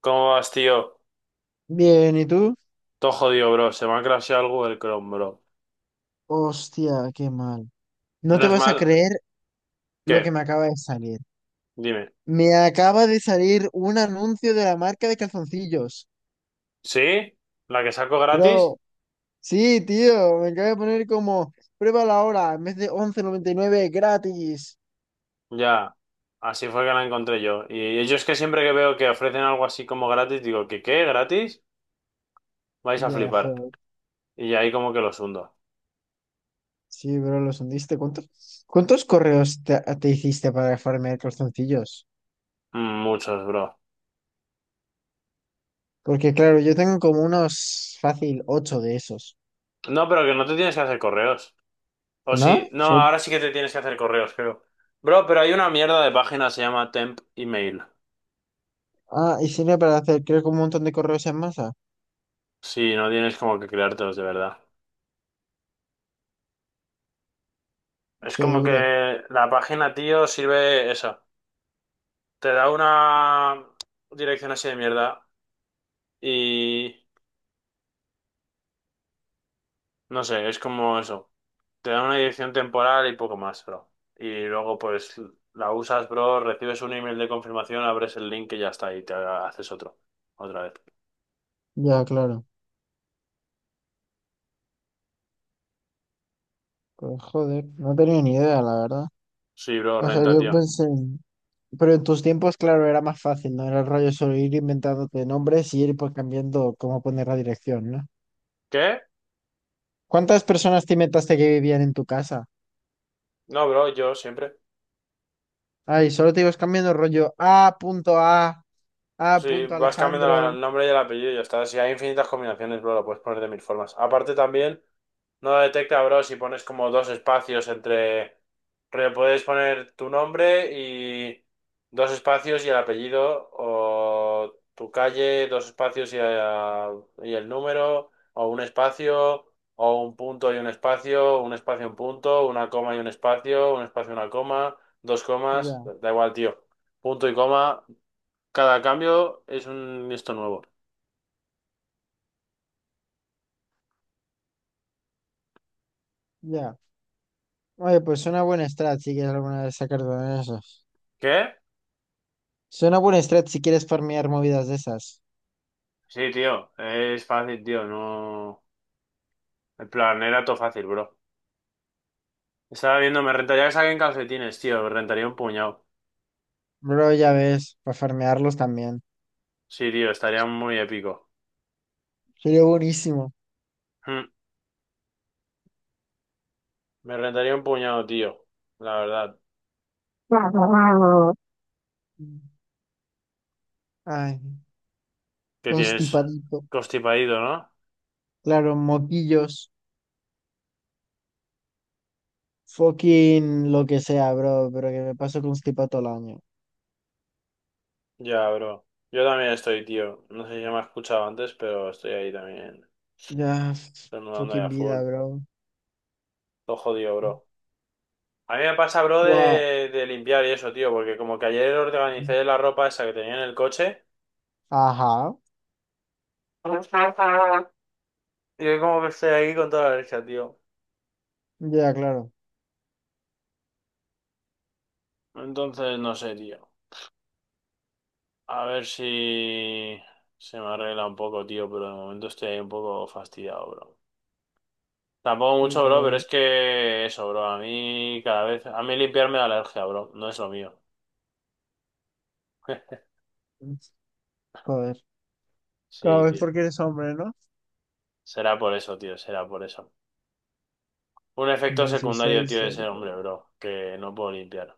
¿Cómo vas, tío? Bien, ¿y tú? Todo jodido, bro. Se me ha crasheado algo del Chrome, bro. Hostia, qué mal. No te Menos vas a mal. creer lo que ¿Qué? me acaba de salir. Dime. Me acaba de salir un anuncio de la marca de calzoncillos. ¿Sí? ¿La que saco gratis? Bro, sí, tío, me acaba de poner como pruébalo ahora en vez de 11,99 gratis. Ya. Así fue que la encontré yo. Y yo es que siempre que veo que ofrecen algo así como gratis, digo, ¿qué qué? ¿Gratis? Vais a Ya, flipar. joder. Y ahí como que los hundo. Sí, bro, los hundiste. ¿Cuántos correos te hiciste para farmear calzoncillos? Muchos, bro. Porque, claro, yo tengo como unos fácil ocho de esos, No, pero que no te tienes que hacer correos. O sí. ¿no? No, ahora sí que te tienes que hacer correos, creo. Bro, pero hay una mierda de página, se llama Temp Email. Ah, y sirve para hacer, creo que un montón de correos en masa. Sí, no tienes como que creártelos de verdad. Es Qué como duro. que la página, tío, sirve eso. Te da una dirección así de mierda y no sé, es como eso. Te da una dirección temporal y poco más, bro. Y luego pues la usas, bro, recibes un email de confirmación, abres el link y ya está, y te haces otro. Otra vez. Ya, claro. Pues joder, no tenía ni idea, la verdad. Sí, bro, O sea, renta, yo tío. pensé... en- Pero en tus tiempos, claro, era más fácil, ¿no? Era el rollo solo ir inventándote nombres y ir pues cambiando cómo poner la dirección, ¿no? ¿Qué? ¿Cuántas personas te inventaste que vivían en tu casa? No, bro, yo siempre. Ay, solo te ibas cambiando el rollo A Sí, punto vas cambiando Alejandro. el nombre y el apellido y ya está. Si hay infinitas combinaciones, bro, lo puedes poner de mil formas. Aparte también... No lo detecta, bro, si pones como dos espacios entre... Pero puedes poner tu nombre y dos espacios y el apellido, o tu calle, dos espacios y el número, o un espacio, o un punto y un espacio y un punto, una coma y un espacio y una coma, dos comas, Ya, da igual, tío. Punto y coma, cada cambio es un esto nuevo. ya. Oye, pues suena buena strat si quieres alguna vez sacar de esas. ¿Qué? Suena buena strat si quieres farmear movidas de esas. Sí, tío, es fácil, tío, no... En plan, era todo fácil, bro. Estaba viendo, me rentaría que saquen calcetines, tío. Me rentaría un puñado. Bro, ya ves, para farmearlos también. Sí, tío, estaría muy épico. Sería buenísimo. Hmm, Me rentaría un puñado, tío. La verdad. Ay, ¿Qué tienes? constipadito. Constipadito, ¿no? Claro, moquillos. Fucking lo que sea, bro. Pero que me paso constipado todo el año. Ya, bro. Yo también estoy, tío. No sé si me has escuchado antes, pero estoy ahí también. Ya, Estornudando ahí fucking a full. vida, bro. Todo jodido, bro. A mí me pasa, bro, Guau. de limpiar y eso, tío. Porque como que ayer organicé la ropa esa que tenía en el coche. Ajá. Y yo como que estoy ahí con toda la alergia, tío. Ya, claro. Entonces, no sé, tío. A ver si se me arregla un poco, tío, pero de momento estoy ahí un poco fastidiado, bro. Tampoco mucho, bro, pero es que eso, bro, a mí cada vez, a mí limpiarme da alergia, bro, no es lo mío. Joder. Cada Sí, vez tío. porque eres hombre, ¿no? Será por eso, tío, será por eso. Un efecto No sí soy secundario, tío, de ser historia. hombre, bro, que no puedo limpiar.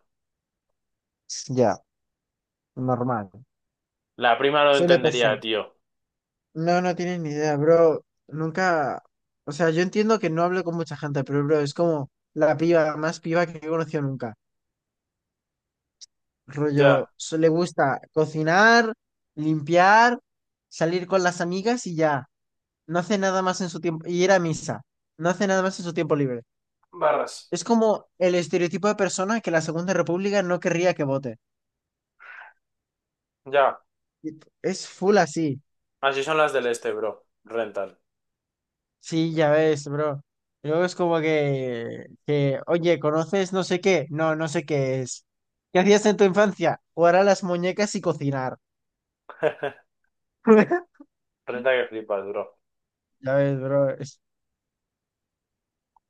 Ya, normal. La prima lo Suele entendería, pasar. tío. No, no tienes ni idea, bro. Nunca, o sea, yo entiendo que no hablo con mucha gente, pero bro, es como la piba más piba que he conocido nunca. Rollo, Ya, le gusta cocinar, limpiar, salir con las amigas y ya. No hace nada más en su tiempo, y ir a misa. No hace nada más en su tiempo libre. barras. Es como el estereotipo de persona que la Segunda República no querría que vote. Ya. Y Es full así. Así son las del este, bro. Rentan. Sí, ya ves, bro. Y luego es como que, oye, ¿conoces no sé qué? No, no sé qué es. ¿Qué hacías en tu infancia? Jugar a las muñecas y cocinar. Renta que flipas, bro. Ya ves, bro.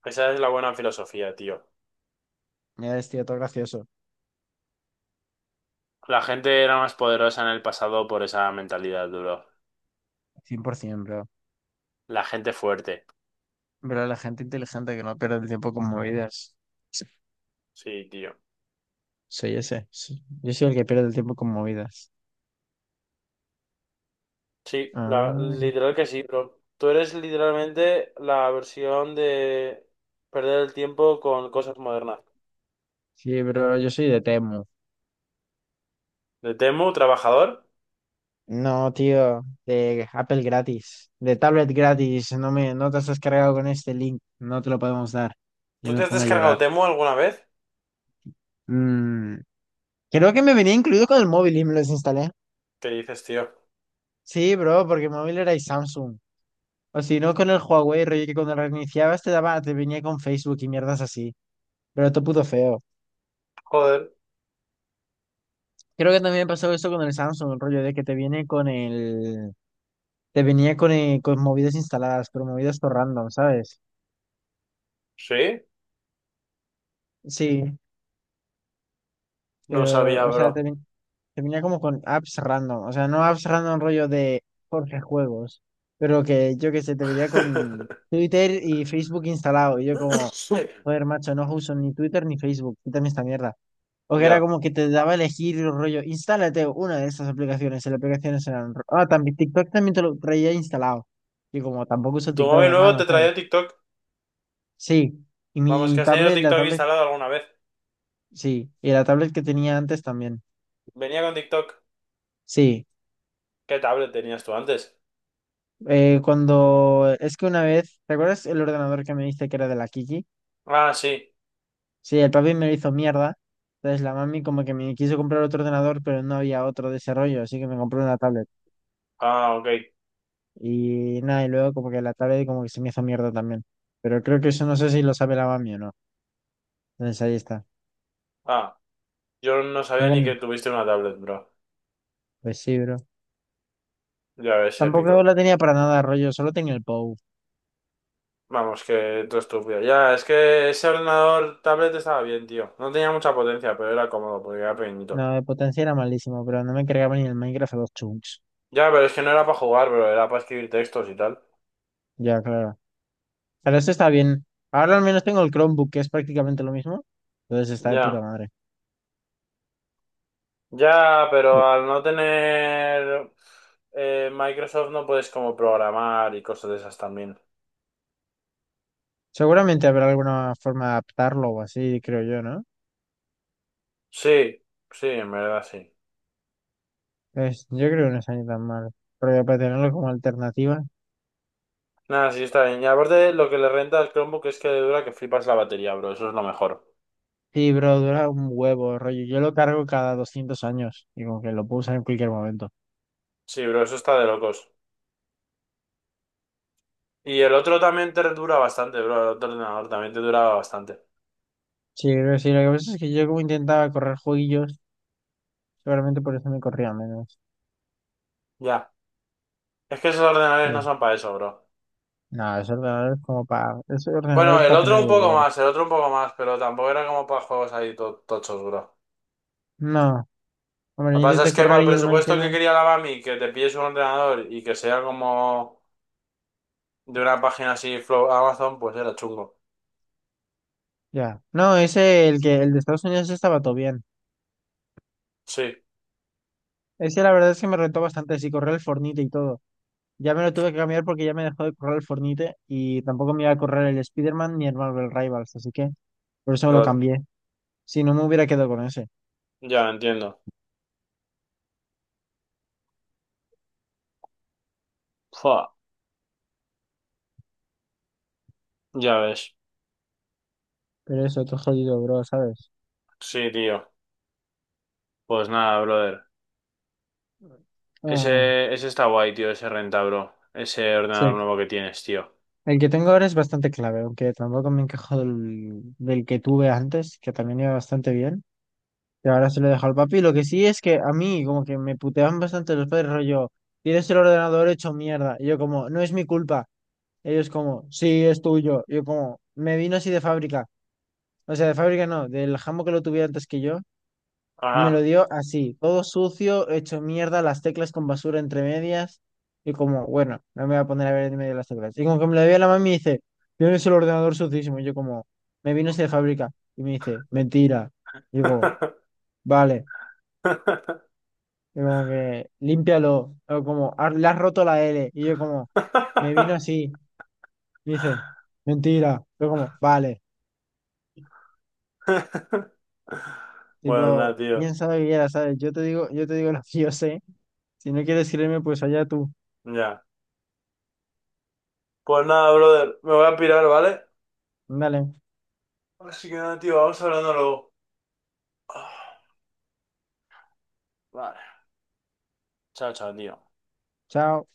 Esa es la buena filosofía, tío. Ya es, tío, todo gracioso. La gente era más poderosa en el pasado por esa mentalidad, duro. 100%, bro. La gente fuerte. Pero la gente inteligente que no pierde el tiempo con movidas. Sí, tío. Soy ese. Sí. Yo soy el que pierde el tiempo con movidas. Sí, la, Ah, literal que sí, bro. Tú eres literalmente la versión de perder el tiempo con cosas modernas. sí, bro, yo soy de Temu. De Temu, trabajador. No, tío, de Apple gratis, de tablet gratis, no te has descargado con este link, no te lo podemos dar. Yo ¿Tú me te has pongo a descargado llorar. Temu alguna vez? Mm, Creo que me venía incluido con el móvil y me lo desinstalé. ¿Qué dices, tío? Sí, bro, porque el móvil era y Samsung. O si no, con el Huawei, rollo que cuando reiniciabas te daba, te venía con Facebook y mierdas así. Pero todo puto feo. Joder. Creo que también pasó eso con el Samsung, rollo de que te viene con te venía con, con movidas instaladas, pero movidas por random, ¿sabes? ¿Sí? Sí. No Pero, sabía, o sea, bro. Termina como con apps random. O sea, no apps random rollo de Jorge Juegos. Pero que yo que sé, te vería con Twitter y Facebook instalado. Y yo como, joder, macho, no uso ni Twitter ni Facebook. Quítame esta mierda. O que era Ya. como que te daba a elegir el rollo, instálate una de estas aplicaciones. Y las aplicaciones eran... Ah, también TikTok también te lo traía instalado. Y como tampoco uso Tu TikTok, móvil nuevo hermano, te ¿sabes? traía TikTok. Sí. Y Vamos, que mi has tenido tablet, la TikTok tablet, instalado alguna vez. sí. Y la tablet que tenía antes también. Venía con TikTok. Sí. ¿Qué tablet tenías tú antes? Cuando es que una vez, ¿te acuerdas el ordenador que me diste que era de la Kiki? Ah, sí. Sí, el papi me lo hizo mierda. Entonces la mami como que me quiso comprar otro ordenador, pero no había otro de ese rollo, así que me compró una tablet. Ah, ok. Y nada, y luego como que la tablet como que se me hizo mierda también. Pero creo que eso no sé si lo sabe la mami o no. Entonces ahí está. Ah, yo no Creo sabía que ni no. que tuviste una tablet, bro. Pues sí, bro. Ya ves, Tampoco épico. la tenía para nada rollo, solo tenía el POW. Vamos, que todo estúpido. Ya, es que ese ordenador tablet estaba bien, tío. No tenía mucha potencia, pero era cómodo porque era No, pequeñito. de potencia era malísimo, pero no me cargaba ni el Minecraft a los chunks. Ya, pero es que no era para jugar, bro. Era para escribir textos y tal. Ya, claro. Pero eso está bien. Ahora al menos tengo el Chromebook, que es prácticamente lo mismo. Entonces está de puta Ya. madre. Ya, Ve- pero al no tener Microsoft no puedes como programar y cosas de esas también. Seguramente habrá alguna forma de adaptarlo o así, creo yo, ¿no? Sí, sí, en verdad sí. Yo creo que no está ni tan mal. Pero ya para tenerlo como alternativa. Nada, sí, está bien. Y aparte, lo que le renta al Chromebook es que le dura que flipas la batería, bro. Eso es lo mejor. Sí, bro, dura un huevo, rollo. Yo lo cargo cada 200 años. Y como que lo puedo usar en cualquier momento. Sí, bro, eso está de locos. Y el otro también te dura bastante, bro. El otro ordenador también te duraba bastante. Sí, creo que sí. Lo que pasa es que yo como intentaba correr jueguillos, seguramente por eso me corría menos. Ya. Es que esos ordenadores no Sí. son para eso, bro. No, Ese ordenador Bueno, es el para tener otro el un poco Word. más, el otro un poco más, pero tampoco era como para juegos ahí tochos, bro. No. Hombre, Lo que yo pasa es intenté que para correr el y el presupuesto que Minecraft. quería la Bami, que te pilles un ordenador y que sea como de una página así, Flow Amazon, pues era chungo. Ya. No, el de Estados Unidos estaba todo bien. Sí, Ese la verdad es que me rentó bastante, sí, correr el Fornite y todo. Ya me lo tuve que cambiar porque ya me dejó de correr el Fornite y tampoco me iba a correr el Spider-Man ni el Marvel Rivals, así que por eso me lo lo- cambié. Si no me hubiera quedado con ese. ya entiendo. Fua, ya ves. Pero eso, todo jodido, bro, ¿sabes? Sí, tío. Pues nada, brother. Ah, Ese está guay, tío, ese renta, bro. Ese sí. ordenador nuevo que tienes, tío. El que tengo ahora es bastante clave, aunque tampoco me encajó del que tuve antes, que también iba bastante bien. Y ahora se lo dejo al papi. Lo que sí es que a mí, como que me puteaban bastante los padres, rollo, tienes el ordenador hecho mierda. Y yo, como, no es mi culpa. Ellos, como, sí, es tuyo. Yo, como, me vino así de fábrica. O sea, de fábrica no, del jambo que lo tuviera antes que yo, me lo Ajá. dio así, todo sucio, hecho mierda, las teclas con basura entre medias. Y como, bueno, no me voy a poner a ver en medio de las teclas. Y como que me lo dio a la mami y dice, tienes el ordenador sucísimo. Y yo, como, me vino así de fábrica. Y me dice, mentira. Y yo, como, vale. Yo como que, límpialo. O como, "Ah, le has roto la L". Y yo como, me vino así. Me dice, mentira. Yo como, vale. Bueno, nada, Tipo, tío. piensa lo que quieras, ¿sabes? Yo te digo lo que yo sé. Si no quieres creerme, pues allá tú. Ya. Pues nada, brother. Me voy a pirar, ¿vale? Dale, Así que nada, tío. Vamos hablando luego. Ah, vale. Chao, chao, tío. chao.